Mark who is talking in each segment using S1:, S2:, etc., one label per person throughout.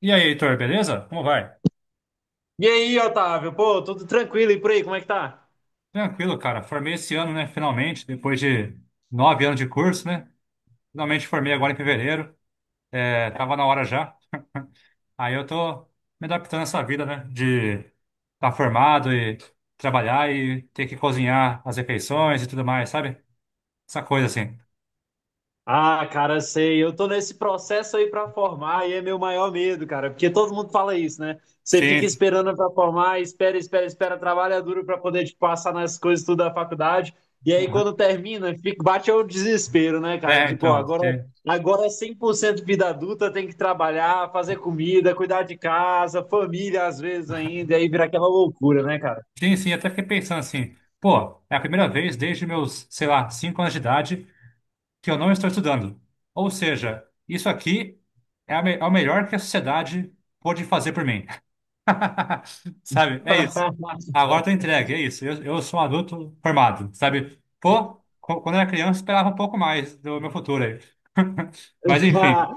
S1: E aí, Heitor, beleza? Como vai?
S2: E aí, Otávio? Pô, tudo tranquilo e por aí, como é que tá?
S1: Tranquilo, cara. Formei esse ano, né? Finalmente, depois de nove anos de curso, né? Finalmente formei agora em fevereiro. É, tava na hora já. Aí eu tô me adaptando a essa vida, né? De estar tá formado e trabalhar e ter que cozinhar as refeições e tudo mais, sabe? Essa coisa assim.
S2: Ah, cara, sei, eu tô nesse processo aí pra formar e é meu maior medo, cara, porque todo mundo fala isso, né? Você fica
S1: Sim.
S2: esperando pra formar, espera, espera, espera, trabalha duro pra poder te passar nas coisas tudo da faculdade. E aí
S1: Aham.
S2: quando termina, fica, bate o desespero, né, cara?
S1: É,
S2: De, pô,
S1: então.
S2: agora
S1: É.
S2: agora é 100% vida adulta, tem que trabalhar, fazer comida, cuidar de casa, família às vezes ainda, e aí vira aquela loucura, né, cara?
S1: Sim, sim, até fiquei pensando assim, pô, é a primeira vez desde meus, sei lá, cinco anos de idade que eu não estou estudando. Ou seja, isso aqui é, é o melhor que a sociedade pôde fazer por mim. Sabe? É isso. Agora eu tô entregue, é isso. Eu sou um adulto formado, sabe? Pô, quando eu era criança, eu esperava um pouco mais do meu futuro aí. Mas enfim,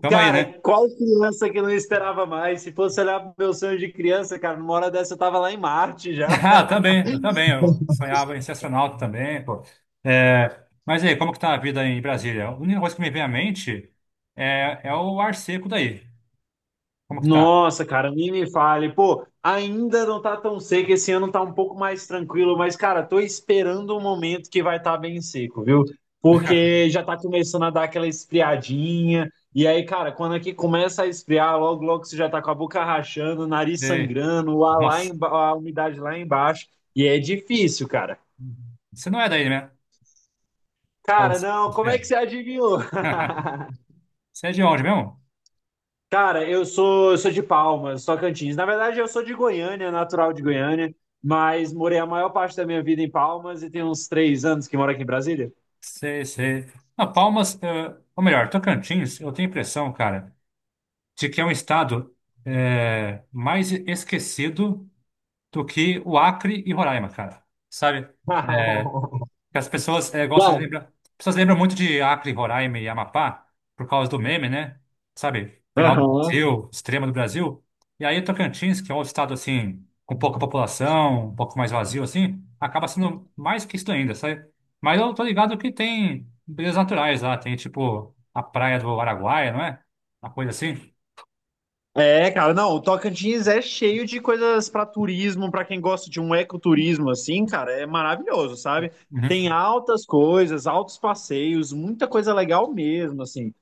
S1: tamo aí,
S2: Cara,
S1: né?
S2: qual criança que não esperava mais? Se fosse olhar pro meu sonho de criança, cara, numa hora dessa eu tava lá em Marte já.
S1: Ah, eu também. Eu sonhava em ser astronauta também, pô. É, mas aí, como que tá a vida em Brasília? A única coisa que me vem à mente é, é o ar seco daí. Como que tá?
S2: Nossa, cara, nem me fale. Pô, ainda não tá tão seco, esse ano tá um pouco mais tranquilo, mas, cara, tô esperando um momento que vai estar tá bem seco, viu? Porque já tá começando a dar aquela esfriadinha. E aí, cara, quando aqui começa a esfriar, logo, logo você já tá com a boca rachando, o nariz sangrando, o ar lá
S1: Nossa,
S2: emba- a umidade lá embaixo. E é difícil, cara.
S1: você não é daí, né?
S2: Cara,
S1: Palmas,
S2: não,
S1: você
S2: como é que
S1: é.
S2: você adivinhou?
S1: Você é de onde mesmo?
S2: Cara, eu sou de Palmas, Tocantins. Na verdade, eu sou de Goiânia, natural de Goiânia, mas morei a maior parte da minha vida em Palmas e tem uns 3 anos que moro aqui em Brasília.
S1: Sei, sei. Ah, Palmas, ou melhor, Tocantins, eu tenho a impressão, cara, de que é um estado mais esquecido do que o Acre e Roraima, cara. Sabe? É, que as pessoas gostam de
S2: Não.
S1: lembrar. As pessoas lembram muito de Acre, Roraima e Amapá por causa do meme, né? Sabe? Final do
S2: Aham.
S1: Brasil, extrema do Brasil. E aí Tocantins, que é um estado assim, com pouca população, um pouco mais vazio assim, acaba sendo mais que isso ainda, sabe? Mas eu tô ligado que tem belezas naturais lá, tem tipo a praia do Araguaia, não é? Uma coisa assim.
S2: É, cara, não, o Tocantins é cheio de coisas para turismo, para quem gosta de um ecoturismo assim, cara, é maravilhoso, sabe? Tem
S1: Uhum.
S2: altas coisas, altos passeios, muita coisa legal mesmo, assim.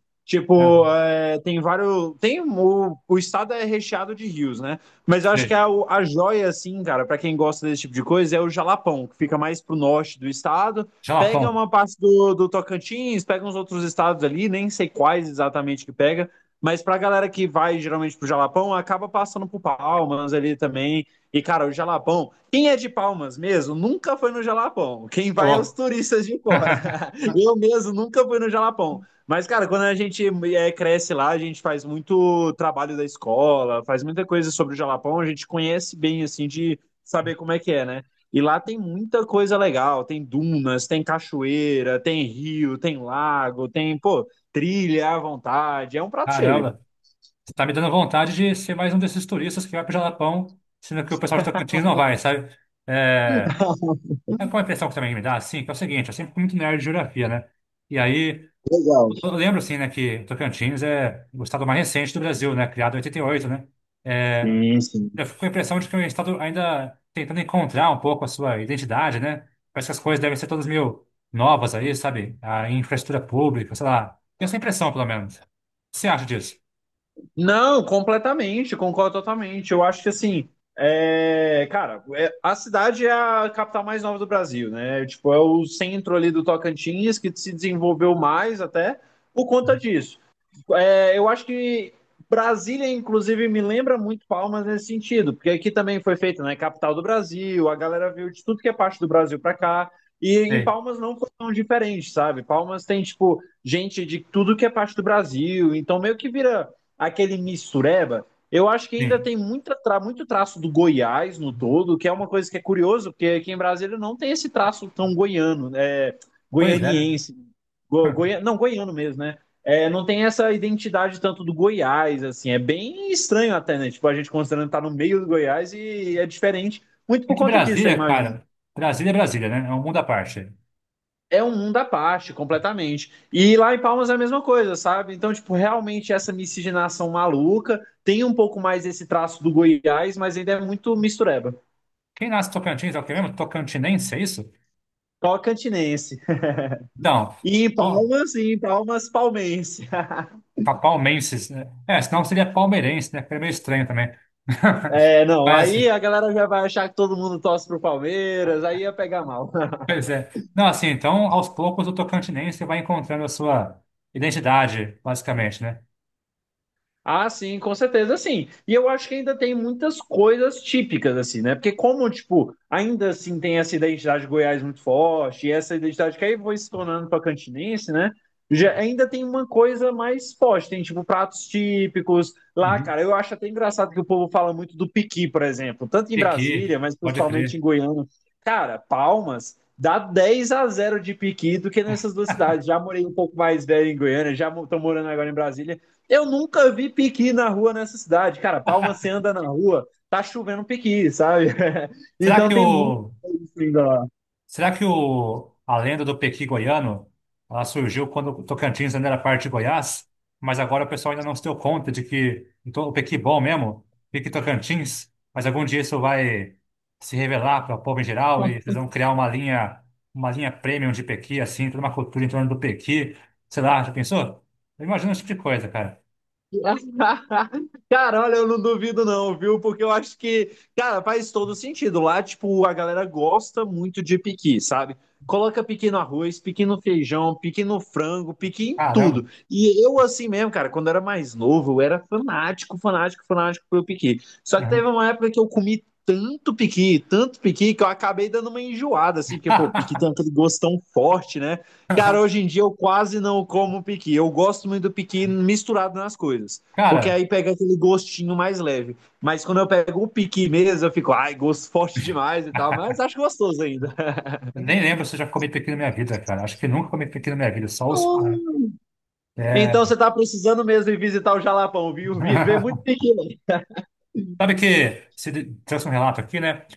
S1: É.
S2: Tipo, é, tem vários, tem o estado é recheado de rios, né? Mas eu acho que
S1: Sei.
S2: a joia, assim, cara, para quem gosta desse tipo de coisa, é o Jalapão, que fica mais pro norte do estado. Pega
S1: Jalapão.
S2: uma parte do Tocantins, pega uns outros estados ali, nem sei quais exatamente que pega mas pra galera que vai geralmente pro Jalapão, acaba passando por Palmas ali também. E, cara, o Jalapão, quem é de Palmas mesmo, nunca foi no Jalapão. Quem
S1: Ô,
S2: vai é os
S1: louco.
S2: turistas de fora. Eu mesmo nunca fui no Jalapão. Mas, cara, quando a gente é, cresce lá, a gente faz muito trabalho da escola, faz muita coisa sobre o Jalapão, a gente conhece bem, assim, de saber como é que é, né? E lá tem muita coisa legal, tem dunas, tem cachoeira, tem rio, tem lago, tem, pô, trilha à vontade, é um prato cheio.
S1: Caramba. Você tá me dando vontade de ser mais um desses turistas que vai pro Jalapão, sendo que o pessoal de Tocantins não vai, sabe? É, é uma impressão que também me dá, assim, que é o seguinte, eu sempre fui muito nerd de geografia, né? E aí,
S2: Legal.
S1: eu lembro, assim, né, que Tocantins é o estado mais recente do Brasil, né? Criado em 88, né? É,
S2: Sim, sim.
S1: eu fico com a impressão de que é um estado ainda tentando encontrar um pouco a sua identidade, né? Parece que as coisas devem ser todas meio novas aí, sabe? A infraestrutura pública, sei lá. Tenho essa impressão, pelo menos. O que você acha disso?
S2: Não, completamente, concordo totalmente. Eu acho que assim, é, cara, é, a cidade é a capital mais nova do Brasil, né? Tipo, é o centro ali do Tocantins que se desenvolveu mais até por conta disso. É, eu acho que Brasília, inclusive, me lembra muito Palmas nesse sentido, porque aqui também foi feito, né? Capital do Brasil, a galera viu de tudo que é parte do Brasil para cá. E em
S1: Sei.
S2: Palmas não foi tão diferente, sabe? Palmas tem, tipo, gente de tudo que é parte do Brasil, então meio que vira aquele mistureba. Eu acho que ainda
S1: Sim.
S2: tem muita tra muito traço do Goiás no todo, que é uma coisa que é curioso, porque aqui em Brasília não tem esse traço tão goiano, é,
S1: Pois é, né?
S2: goianiense. Go, goi não, goiano mesmo, né? É, não tem essa identidade tanto do Goiás, assim, é bem estranho até, né? Tipo, a gente considerando estar tá no meio do Goiás e é diferente, muito
S1: É
S2: por
S1: que
S2: conta disso, eu
S1: Brasília,
S2: imagino.
S1: cara, Brasília é Brasília, né? É um mundo à parte.
S2: É um mundo à parte, completamente. E lá em Palmas é a mesma coisa, sabe? Então, tipo, realmente essa miscigenação maluca tem um pouco mais esse traço do Goiás, mas ainda é muito mistureba.
S1: Quem nasce em Tocantins é o que mesmo? Tocantinense, é isso?
S2: Tocantinense.
S1: Então, então
S2: E em Palmas, palmense.
S1: palmenses, né? É, senão seria palmeirense, né? Que é meio estranho também.
S2: É, não,
S1: Mas
S2: aí
S1: assim,
S2: a galera já vai achar que todo mundo torce pro Palmeiras, aí ia pegar mal.
S1: pois é. Não, assim, então, aos poucos o tocantinense vai encontrando a sua identidade, basicamente, né?
S2: Ah, sim, com certeza, sim. E eu acho que ainda tem muitas coisas típicas, assim, né? Porque como, tipo, ainda assim tem essa identidade de Goiás muito forte, e essa identidade que aí foi se tornando pacantinense, né? Já, ainda tem uma coisa mais forte, tem, tipo, pratos típicos lá,
S1: Uhum.
S2: cara. Eu acho até engraçado que o povo fala muito do piqui, por exemplo, tanto em Brasília,
S1: Pequi,
S2: mas
S1: pode
S2: principalmente em
S1: crer.
S2: Goiânia. Cara, Palmas dá 10 a 0 de piqui do que nessas duas cidades. Já morei um pouco mais velho em Goiânia, já estou morando agora em Brasília. Eu nunca vi piqui na rua nessa cidade. Cara, Palma, você anda na rua, tá chovendo piqui, sabe?
S1: Será
S2: Então
S1: que o
S2: tem muito isso ainda lá.
S1: Será que a lenda do Pequi goiano, ela surgiu quando o Tocantins ainda era parte de Goiás, mas agora o pessoal ainda não se deu conta de que então, o Pequi bom mesmo, Pequi Tocantins, mas algum dia isso vai se revelar para o povo em geral e vocês vão criar uma linha premium de Pequi, assim, toda uma cultura em torno do Pequi, sei lá, já pensou? Eu imagino esse tipo de coisa, cara.
S2: Cara, olha, eu não duvido não, viu? Porque eu acho que, cara, faz todo sentido. Lá, tipo, a galera gosta muito de piqui, sabe? Coloca piqui no arroz, piqui no feijão, piqui no frango, piqui em tudo.
S1: Caramba.
S2: E eu, assim mesmo, cara, quando eu era mais novo, eu era fanático, fanático, fanático pelo piqui. Só que teve
S1: Uhum.
S2: uma época que eu comi tanto piqui, que eu acabei dando uma enjoada, assim, porque, pô, piqui tem aquele gosto tão forte, né? Cara, hoje em dia eu quase não como piqui. Eu gosto muito do piqui misturado nas coisas. Porque
S1: Cara,
S2: aí pega aquele gostinho mais leve. Mas quando eu pego o piqui mesmo, eu fico, ai, gosto forte demais e tal. Mas acho gostoso ainda.
S1: eu nem lembro se eu já comi Pequi na minha vida, cara. Acho que nunca comi Pequi na minha vida, só os... é,
S2: Então você tá precisando mesmo ir visitar o Jalapão, viu? Vê muito piqui
S1: sabe que se de- trouxe um relato aqui, né?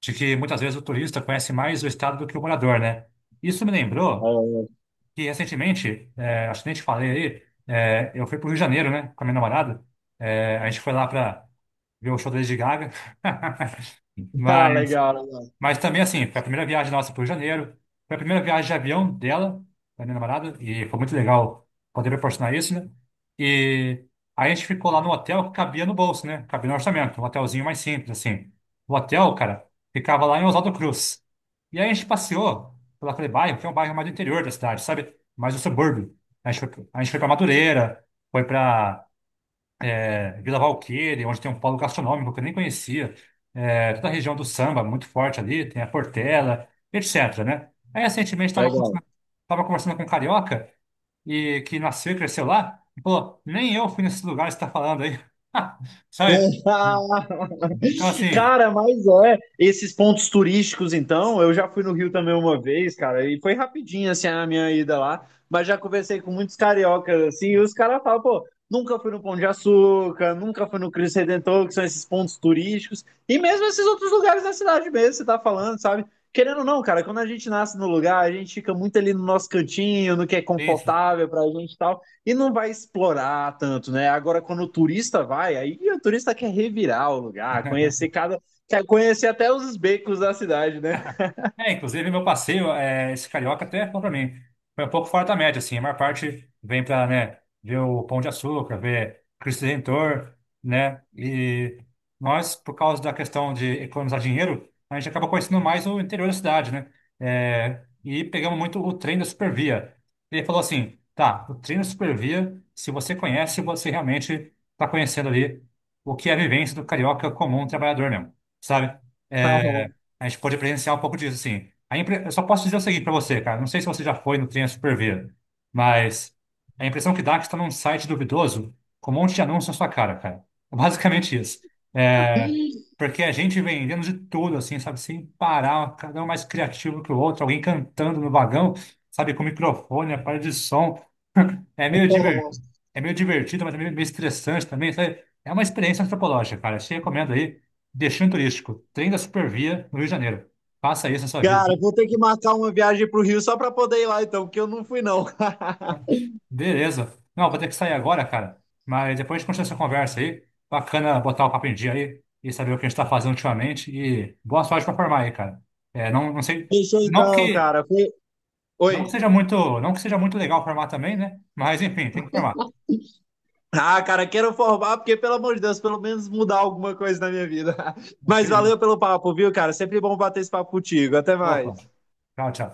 S1: De que muitas vezes o turista conhece mais o estado do que o morador, né? Isso me lembrou
S2: lá.
S1: que recentemente, é, acho que nem te falei aí, é, eu fui pro Rio de Janeiro, né? Com a minha namorada. É, a gente foi lá para ver o show da Lady Gaga.
S2: Ah,
S1: Mas
S2: legal, legal.
S1: Mas também, assim, foi a primeira viagem nossa para o Rio de Janeiro. Foi a primeira viagem de avião dela, da minha namorada, e foi muito legal poder proporcionar isso, né? E aí a gente ficou lá no hotel que cabia no bolso, né? Cabia no orçamento, um hotelzinho mais simples, assim. O hotel, cara, ficava lá em Oswaldo Cruz. E aí a gente passeou por aquele bairro, que é um bairro mais do interior da cidade, sabe? Mais do subúrbio. A gente foi para Madureira, foi para é, Vila Valqueira, onde tem um polo gastronômico que eu nem conhecia, é, toda a região do samba, muito forte ali, tem a Portela, etc, né? Aí, recentemente,
S2: Legal.
S1: tava conversando com um carioca, e que nasceu e cresceu lá, e falou, nem eu fui nesse lugar que você está falando aí. Sabe? Então, assim,
S2: Cara, mas é, esses pontos turísticos, então, eu já fui no Rio também uma vez, cara, e foi rapidinho, assim, a minha ida lá, mas já conversei com muitos cariocas, assim, e os caras falam, pô, nunca fui no Pão de Açúcar, nunca fui no Cristo Redentor, que são esses pontos turísticos, e mesmo esses outros lugares da cidade mesmo, você tá falando, sabe? Querendo ou não, cara, quando a gente nasce no lugar, a gente fica muito ali no nosso cantinho, no que é
S1: tem isso.
S2: confortável pra gente e tal, e não vai explorar tanto, né? Agora, quando o turista vai, aí o turista quer revirar o lugar, conhecer cada. Quer conhecer até os becos da cidade, né?
S1: É, inclusive meu passeio, é, esse carioca até foi pra mim. Foi um pouco fora da média, assim. A maior parte vem pra, né, ver o Pão de Açúcar, ver Cristo Redentor, né? E nós, por causa da questão de economizar dinheiro, a gente acaba conhecendo mais o interior da cidade, né? É, e pegamos muito o trem da Supervia. Ele falou assim, tá, o trem da Supervia, se você conhece, você realmente tá conhecendo ali o que é a vivência do carioca comum trabalhador mesmo, sabe? É, a gente pôde presenciar um pouco disso, assim. A impre... Eu só posso dizer o seguinte para você, cara. Não sei se você já foi no Trem Superver, mas a impressão que dá é que você está num site duvidoso com um monte de anúncio na sua cara, cara. É basicamente isso. É... Porque a gente vendendo de tudo, assim, sabe? Sem parar, cada um mais criativo que o outro, alguém cantando no vagão, sabe? Com microfone, aparelho de som. É meio
S2: Oh,
S1: divertido, é meio divertido, mas também meio estressante também, sabe? É uma experiência antropológica, cara. Eu te recomendo aí, Destino Turístico, Trem da Supervia, no Rio de Janeiro. Faça isso na sua vida.
S2: cara, vou ter que marcar uma viagem pro Rio só pra poder ir lá, então, porque eu não fui, não.
S1: Beleza. Não, vou ter que sair agora, cara. Mas depois a gente continua essa conversa aí. Bacana botar o papo em dia aí e saber o que a gente tá fazendo ultimamente. E boa sorte pra formar aí, cara. É, não, não sei,
S2: Fechou
S1: não
S2: então,
S1: que,
S2: cara. Fui...
S1: não que
S2: Oi.
S1: seja muito, não que seja muito legal formar também, né? Mas enfim, tem que formar.
S2: Ah, cara, quero formar, porque, pelo amor de Deus, pelo menos mudar alguma coisa na minha vida. Mas valeu pelo papo, viu, cara? Sempre bom bater esse papo contigo. Até
S1: Opa,
S2: mais.
S1: tchau, tchau.